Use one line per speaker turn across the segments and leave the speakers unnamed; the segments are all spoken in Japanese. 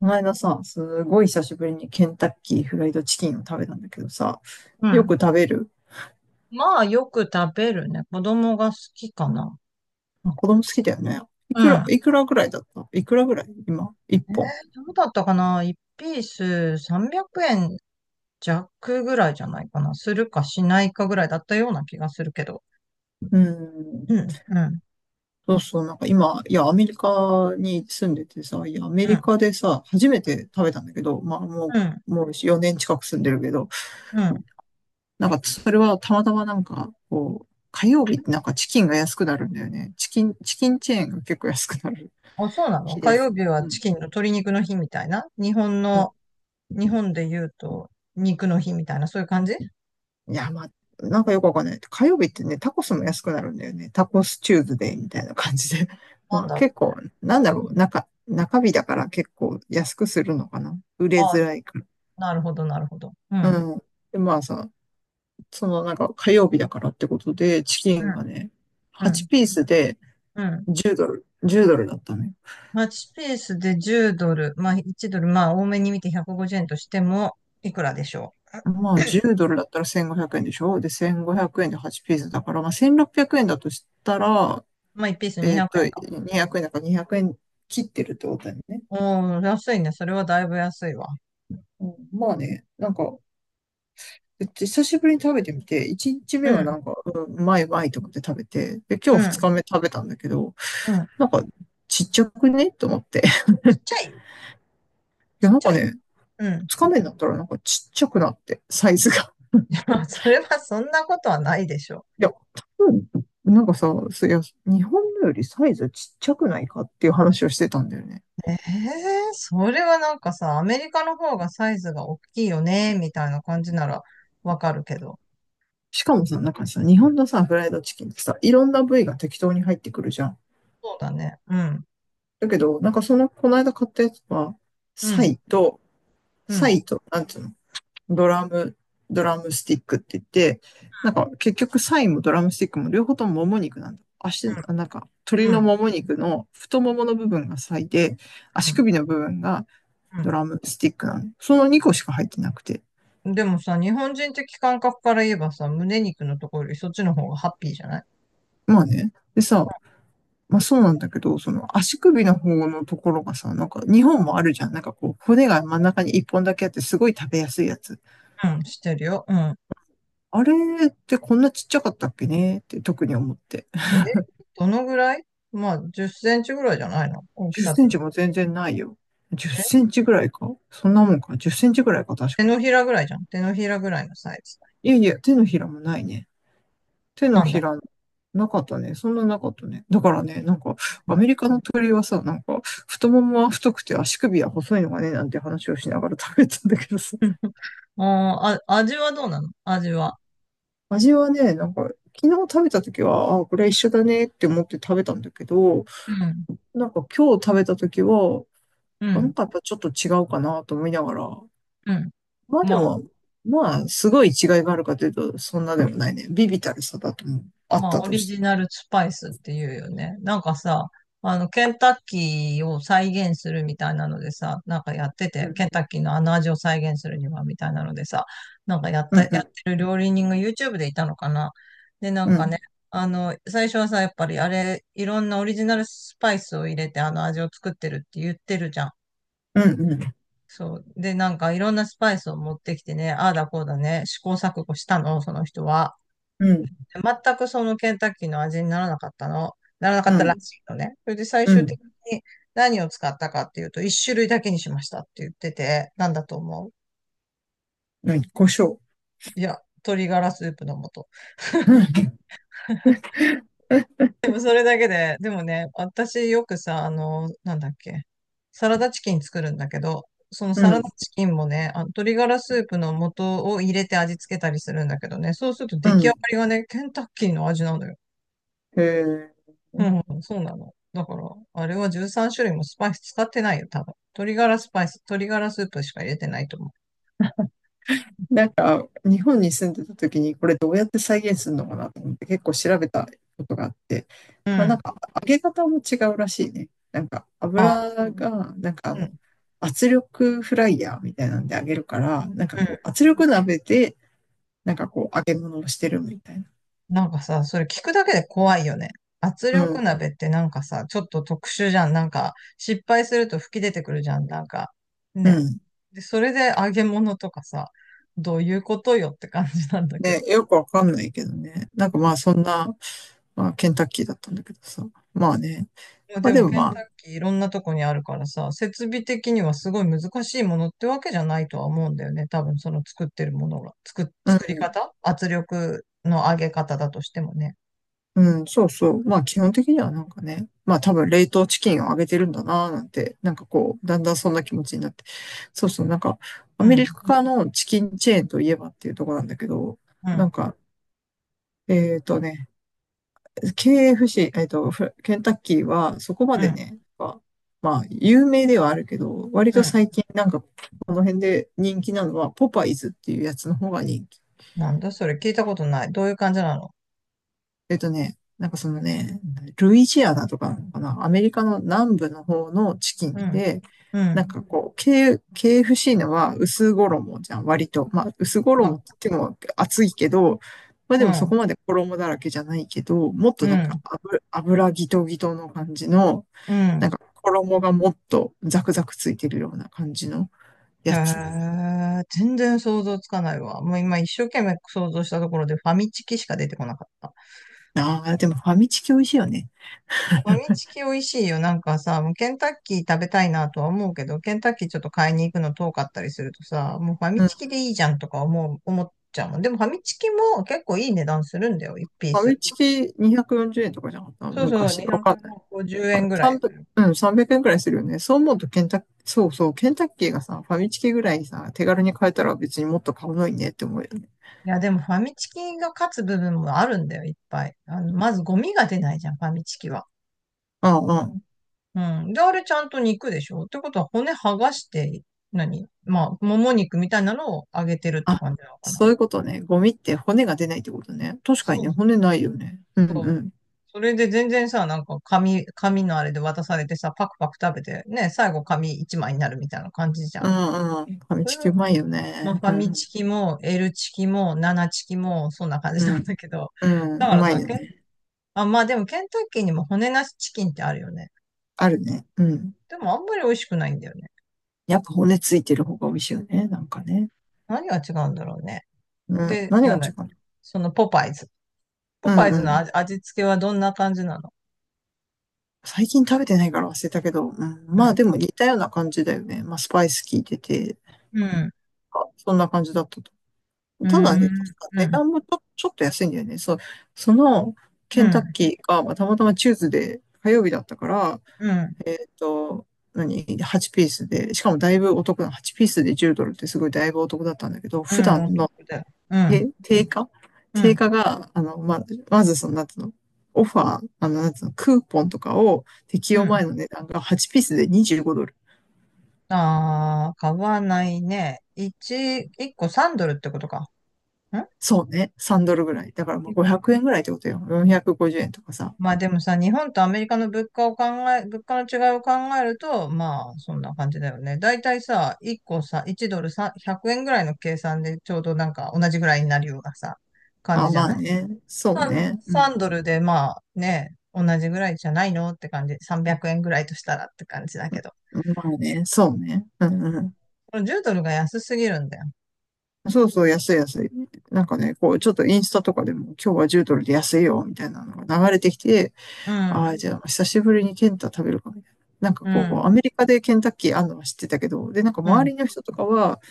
この間さ、すごい久しぶりにケンタッキーフライドチキンを食べたんだけどさ、
う
よく
ん。
食べる。
まあ、よく食べるね。子供が好きかな。
あ、子供好きだよね。い
う
くら、
ん。
いくらぐらいだったいくらぐらい今、一
え
本。
ー、どうだったかな ?1 ピース300円弱ぐらいじゃないかな。するかしないかぐらいだったような気がするけど。
うん。
うん、うん、
そうそう、なんか今、いや、アメリカに住んでてさ、いや、アメ
う
リ
ん、
カでさ、初めて食べたんだけど、まあも
うん、
う、もう4年近く住んでるけど、
うん。
なんかそれはたまたまなんか、こう、火曜日ってなんかチキンが安くなるんだよね。チキン、チキンチェーンが結構安くなる
あ、そうなの？
日
火
です。
曜日は
う
チ
ん。
キンの鶏肉の日みたいな日本の、日本で言うと肉の日みたいな、そういう感じ。
いや、まあ、なんかよくわかんない。火曜日ってね、タコスも安くなるんだよね。タコスチューズデーみたいな感じで。
なん
まあ
だろ
結構、なんだ
う
ろ
ね。う
う、
ん、
中日だから結構安くするのかな。売れ
あ、
づらいか
なるほど、なるほど。う
ら。
ん、
うん。で、まあさ、そのなんか火曜日だからってことで、チキ
う
ン
ん、
がね、
う
8
ん、
ピースで
うん。
10ドルだったね。
マッチペースで10ドル、まあ1ドル、まあ多めに見て150円としても、いくらでしょ
まあ10ドルだったら1500円でしょで、1500円で8ピースだから、まあ1600円だとしたら、
う。まあ1ピース200円か。
200円だから200円切ってるってことだよね。
おー、安いね。それはだいぶ安いわ。
うんまあね、なんか、久しぶりに食べてみて、1日目
う
はな
ん、
んか、うん、うまいうまいと思って食べて、で、
う
今日2
ん、
日目食べたんだけど、
うん。
なんか、ちっちゃくねと思って。
ちっ ちゃい、
い
ちっ
や、なん
ちゃ
か
い。
ね、
うん。
2日目になったらなんかちっちゃくなって、サイズが。
まあ、それはそんなことはないでしょ
いや、多分、なんかさ、そいや、日本のよりサイズちっちゃくないかっていう話をしてたんだよね。
う。ええ、それはなんかさ、アメリカの方がサイズが大きいよね、みたいな感じならわかるけど。
しかもさ、なんかさ、日本のさ、フライドチキンってさ、いろんな部位が適当に入ってくるじゃん。
そうだね。うん、
だけど、なんかその、この間買ったやつは、
う
サ
ん、
イと
うん、う
サ
ん、
イと、なんていうの、ドラム、ドラムスティックって言って、なんか結局サイもドラムスティックも両方とももも肉なんだ。足、
う
なんか鳥
ん、うん、
の
う
もも肉の太ももの部分がサイで、足
ん。
首の部分が
う
ド
ん、
ラムスティックなの。その2個しか入ってなくて。
でもさ、日本人的感覚から言えばさ、胸肉のところよりそっちの方がハッピーじゃない？
まあね。でさ、まあそうなんだけど、その足首の方のところがさ、なんか2本もあるじゃん。なんかこう骨が真ん中に1本だけあってすごい食べやすいやつ。
うん、してるよ。うん。
あれってこんなちっちゃかったっけねって特に思って。
え、どのぐらい？まあ、10センチぐらいじゃないの、大き
10セ
さって。
ンチも全然ないよ。
え、
10センチぐらいか、確
手
かに。
のひらぐらいじゃん。手のひらぐらいのサイズ。
いやいや、手のひらもないね。手の
なん
ひ
だ。
ら、なかったね。そんななかったね。だからね、なんか、
う
ア
ん。
メリカの鳥はさ、なんか、太ももは太くて足首は細いのがね、なんて話をしながら食べたんだけどさ。
うん、あー、あ、味はどうなの、味は。
味はね、なんか、昨日食べた時は、あ、これは一緒だねって思って食べたんだけど、
うん。
なんか今日食べた時は、
う
あな
ん。
んかやっぱちょっと違うかなと思いながら、
うん。
まあで
まあ、
も、まあ、すごい違いがあるかというと、そんなでもないね。ビビたるさだと思う。あっ
まあ、
た
オ
と
リ
して。
ジナルスパイスっていうよね。なんかさ、あの、ケンタッキーを再現するみたいなのでさ、なんかやって
う
て、
ん。
ケンタッキーのあの味を再現するには、みたいなのでさ、
う
や
ん、
っ
うん、
てる料理人が YouTube でいたのかな。で、な
う
んか
ん、
ね、あの、最初はさ、やっぱりあれ、いろんなオリジナルスパイスを入れて、あの味を作ってるって言ってるじゃん。
うん、うん、
そう。で、なんかいろんなスパイスを持ってきてね、ああだこうだね、試行錯誤したの、その人は。
うん、
全くそのケンタッキーの味にならなかったの、ならなかっ
う
たら
ん、
しいのね。それで最
う
終的
ん、
に何を使ったかっていうと、一種類だけにしましたって言ってて、なんだと思う？
うん、胡椒。
いや、鶏ガラスープの素。
うん、
でもそれだけで、でもね、私よくさ、あの、なんだっけ、サラダチキン作るんだけど、その
う
サラダ
ん、
チキンもね、あの鶏ガラスープの素を入れて味付けたりするんだけどね、そうすると
う
出来上が
ん。
りがね、ケンタッキーの味なのよ。
へえ。
うん、そうなの。だから、あれは13種類もスパイス使ってないよ、多分。鶏ガラスパイス、鶏ガラスープしか入れてないと思
なんか、日本に住んでた時に、これどうやって再現するのかなと思って結構調べたことがあって、
う。う
まあなん
ん、
か、揚げ方も違うらしいね。なんか、
あ、
なんか
うん、
あ
う
の、
ん。
圧力フライヤーみたいなんで揚げるから、なんかこう、圧力鍋で、なんかこう、揚げ物をしてるみたいな。
なんかさ、それ聞くだけで怖いよね。圧
う
力
ん、
鍋ってなんかさ、ちょっと特殊じゃん。なんか、失敗すると吹き出てくるじゃん。なんか、
う
ね。
ん。
で、それで揚げ物とかさ、どういうことよって感じなんだけ
ね、
ど。
よくわかんないけどね。なんかまあ、そんな、まあ、ケンタッキーだったんだけどさ。まあね。
いや、
ま
で
あで
も
も
ケン
まあ、
タッキーいろんなとこにあるからさ、設備的にはすごい難しいものってわけじゃないとは思うんだよね。多分その作ってるものが、作り方、圧力の上げ方だとしてもね。
うん、そうそう。まあ基本的にはなんかね、まあ多分冷凍チキンをあげてるんだなーなんて、なんかこう、だんだんそんな気持ちになって。そうそう、なんかア
う
メリ
ん、
カのチキンチェーンといえばっていうところなんだけど、
う
なん
ん、
か、えっとね、KFC、フケンタッキーはそこま
う
で
ん、
ね、まあ、まあ有名ではあるけど、割
う
と
ん。
最近なんかこの辺で人気なのはポパイズっていうやつの方が人気。
なんだそれ、聞いたことない。どういう感じなの？
えっとね、なんかそのね、ルイジアナとかなのかな、アメリカの南部の方のチキ
う
ン
ん、
で、
う
なん
ん、
かこう、ケーエフ f c のは薄衣じゃん、割と。まあ、薄
ま、
衣って言っても厚いけど、まあ
う
でもそこ
ん、
まで衣だらけじゃないけど、もっと
う
なんか
ん、
油ギトギトの感じの、
うん。
なんか衣がもっとザクザクついてるような感じの
へ
やつ。
え、全然想像つかないわ。もう今一生懸命想像したところでファミチキしか出てこなかった。
ああ、でもファミチキ美味しいよね。
ファミチキ美味しいよ。なんかさ、もうケンタッキー食べたいなとは思うけど、ケンタッキーちょっと買いに行くの遠かったりするとさ、もうファミ
うん。フ
チキでいいじゃんとか思っちゃうもん。でもファミチキも結構いい値段するんだよ、1ピー
ァ
ス。
ミチキ240円とかじゃなかった
そうそう、
昔。わかん
250
あ、
円ぐらい
3
す
0
る。
うん、300円くえんくらいするよね。そう思うとケンタッ、そうそう、ケンタッキーがさ、ファミチキぐらいさ、手軽に買えたら別にもっと買うのにねって思うよね。
いや、でもファミチキが勝つ部分もあるんだよ、いっぱい。あの、まずゴミが出ないじゃん、ファミチキは。
うんうん。
うん。で、あれちゃんと肉でしょってことは骨剥がして、何、まあ、もも肉みたいなのを揚げてるって
あ、
感じなのかな。
そういうことね。ゴミって骨が出ないってことね。確かに
そ
ね、
う
骨ないよね。うん
そう。
うん。
それで全然さ、紙のあれで渡されてさ、パクパク食べて、ね、最後紙一枚になるみたいな感じじゃ
う
ん。
んうん。ファミ
それ
チキ
が、
うまいよ
まあ、
ね。
ファ
う
ミ
ん。
チキも、L チキも、7チキも、そんな感じ
う
なん
ん。
だけど。
うん。
だか
う
ら
まい
さ、
よね。
あ、まあでもケンタッキーにも骨なしチキンってあるよね。
あるね。うん。
でもあんまり美味しくないんだよね。
やっぱ骨ついてる方が美味しいよね。なんかね。
何が違うんだろうね。
うん。
で、
何
な
が
んだっ
違う
け、
か
そのポパイズ。ポ
な。
パ
うん
イズ
う
の
ん。
味、味付けはどんな感じなの？
最近食べてないから忘れたけど、うん、まあで
う
も似たような感じだよね。まあスパイス効いてて、
ん、うん、
あそんな感じだったと。
う
ただね、
ん、
確か
う
値
ん、
段もちょっと安いんだよね。そう、その
う
ケンタッ
ん、
キーが、まあ、たまたまチューズで火曜日だったから、
うん、
えっと、何？ 8 ピースで、しかもだいぶお得な、8ピースで10ドルってすごいだいぶお得だったんだけど、
う
普
ん、
段
お得
の
だよ。うん、
え、定価
う
定
ん。
価が、あの、ま、まずその、なんつうの、オファー、あの、なんつうの、クーポンとかを適
う
用前
ん。
の値段が8ピースで25ドル。
ああ、買わないね。一個3ドルってことか。ん、
そうね、3ドルぐらい。だからまあ500円ぐらいってことよ。450円とかさ。
まあでもさ、日本とアメリカの物価を物価の違いを考えると、まあそんな感じだよね。だいたいさ、1個さ、1ドルさ、100円ぐらいの計算でちょうどなんか同じぐらいになるようなさ、感
あ、
じじゃ
まあ
ない
ね、そう
?3、
ね、うん。
3ドルでまあね、同じぐらいじゃないのって感じ。300円ぐらいとしたらって感じだけど。
うんまあね、そうね。うんうん。
これ10ドルが安すぎるんだよ。
そうそう、安い安い。なんかね、こう、ちょっとインスタとかでも、今日は10ドルで安いよ、みたいなのが流れてきて、
う
ああ、
ん、
じゃあ、久しぶりにケンタ食べるかみたいな。なんか
う
こう、ア
ん、
メリカでケンタッキーあんのは知ってたけど、で、なんか
う
周
ん、
りの人とかは、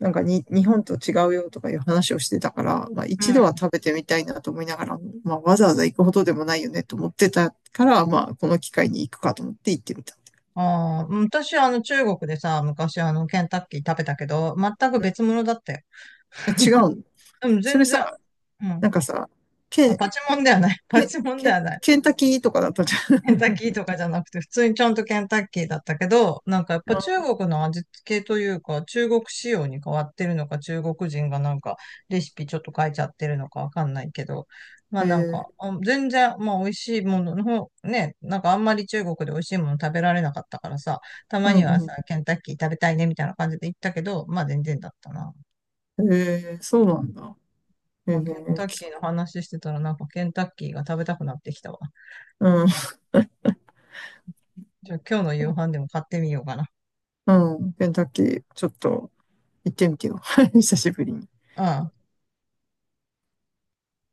なんかに、日本と違うよとかいう話をしてたから、まあ
う
一度は
ん。
食べてみたいなと思いながら、まあわざわざ行くほどでもないよねと思ってたから、まあこの機会に行くかと思って行ってみた。
ああ、うん、私、あの、中国でさ、昔、あの、ケンタッキー食べたけど、全く
うん、
別物だったよ。
え違うの。
うん、
それ
全然、
さ、
うん。
なんかさ、
あ、
ケン、
パチモンではない。パ
ケン、
チモンではない。
ケンタッキーとかだったじゃ
ケンタッ
ん。
キーとかじゃなくて、普通にちゃんとケンタッキーだったけど、なんかやっ ぱ中
あ、
国の味付けというか、中国仕様に変わってるのか、中国人がなんかレシピちょっと変えちゃってるのかわかんないけど、まあ
え
なんか、
ー、
あ、全然、まあ美味しいものの方、ね、なんかあんまり中国で美味しいもの食べられなかったからさ、た
う
まにはさ、
ん
ケンタッキー食べたいねみたいな感じで行ったけど、まあ全然だったな。
うん。えー、そうなんだ。え
まあケンタ
ー、
ッ
き
キーの話してたらなんかケンタッキーが食べたくなってきたわ。
うん。
じゃあ今日の夕飯でも買ってみようかな。
うん、ケンタッキー、ちょっと行ってみてよ。久しぶりに。
うん。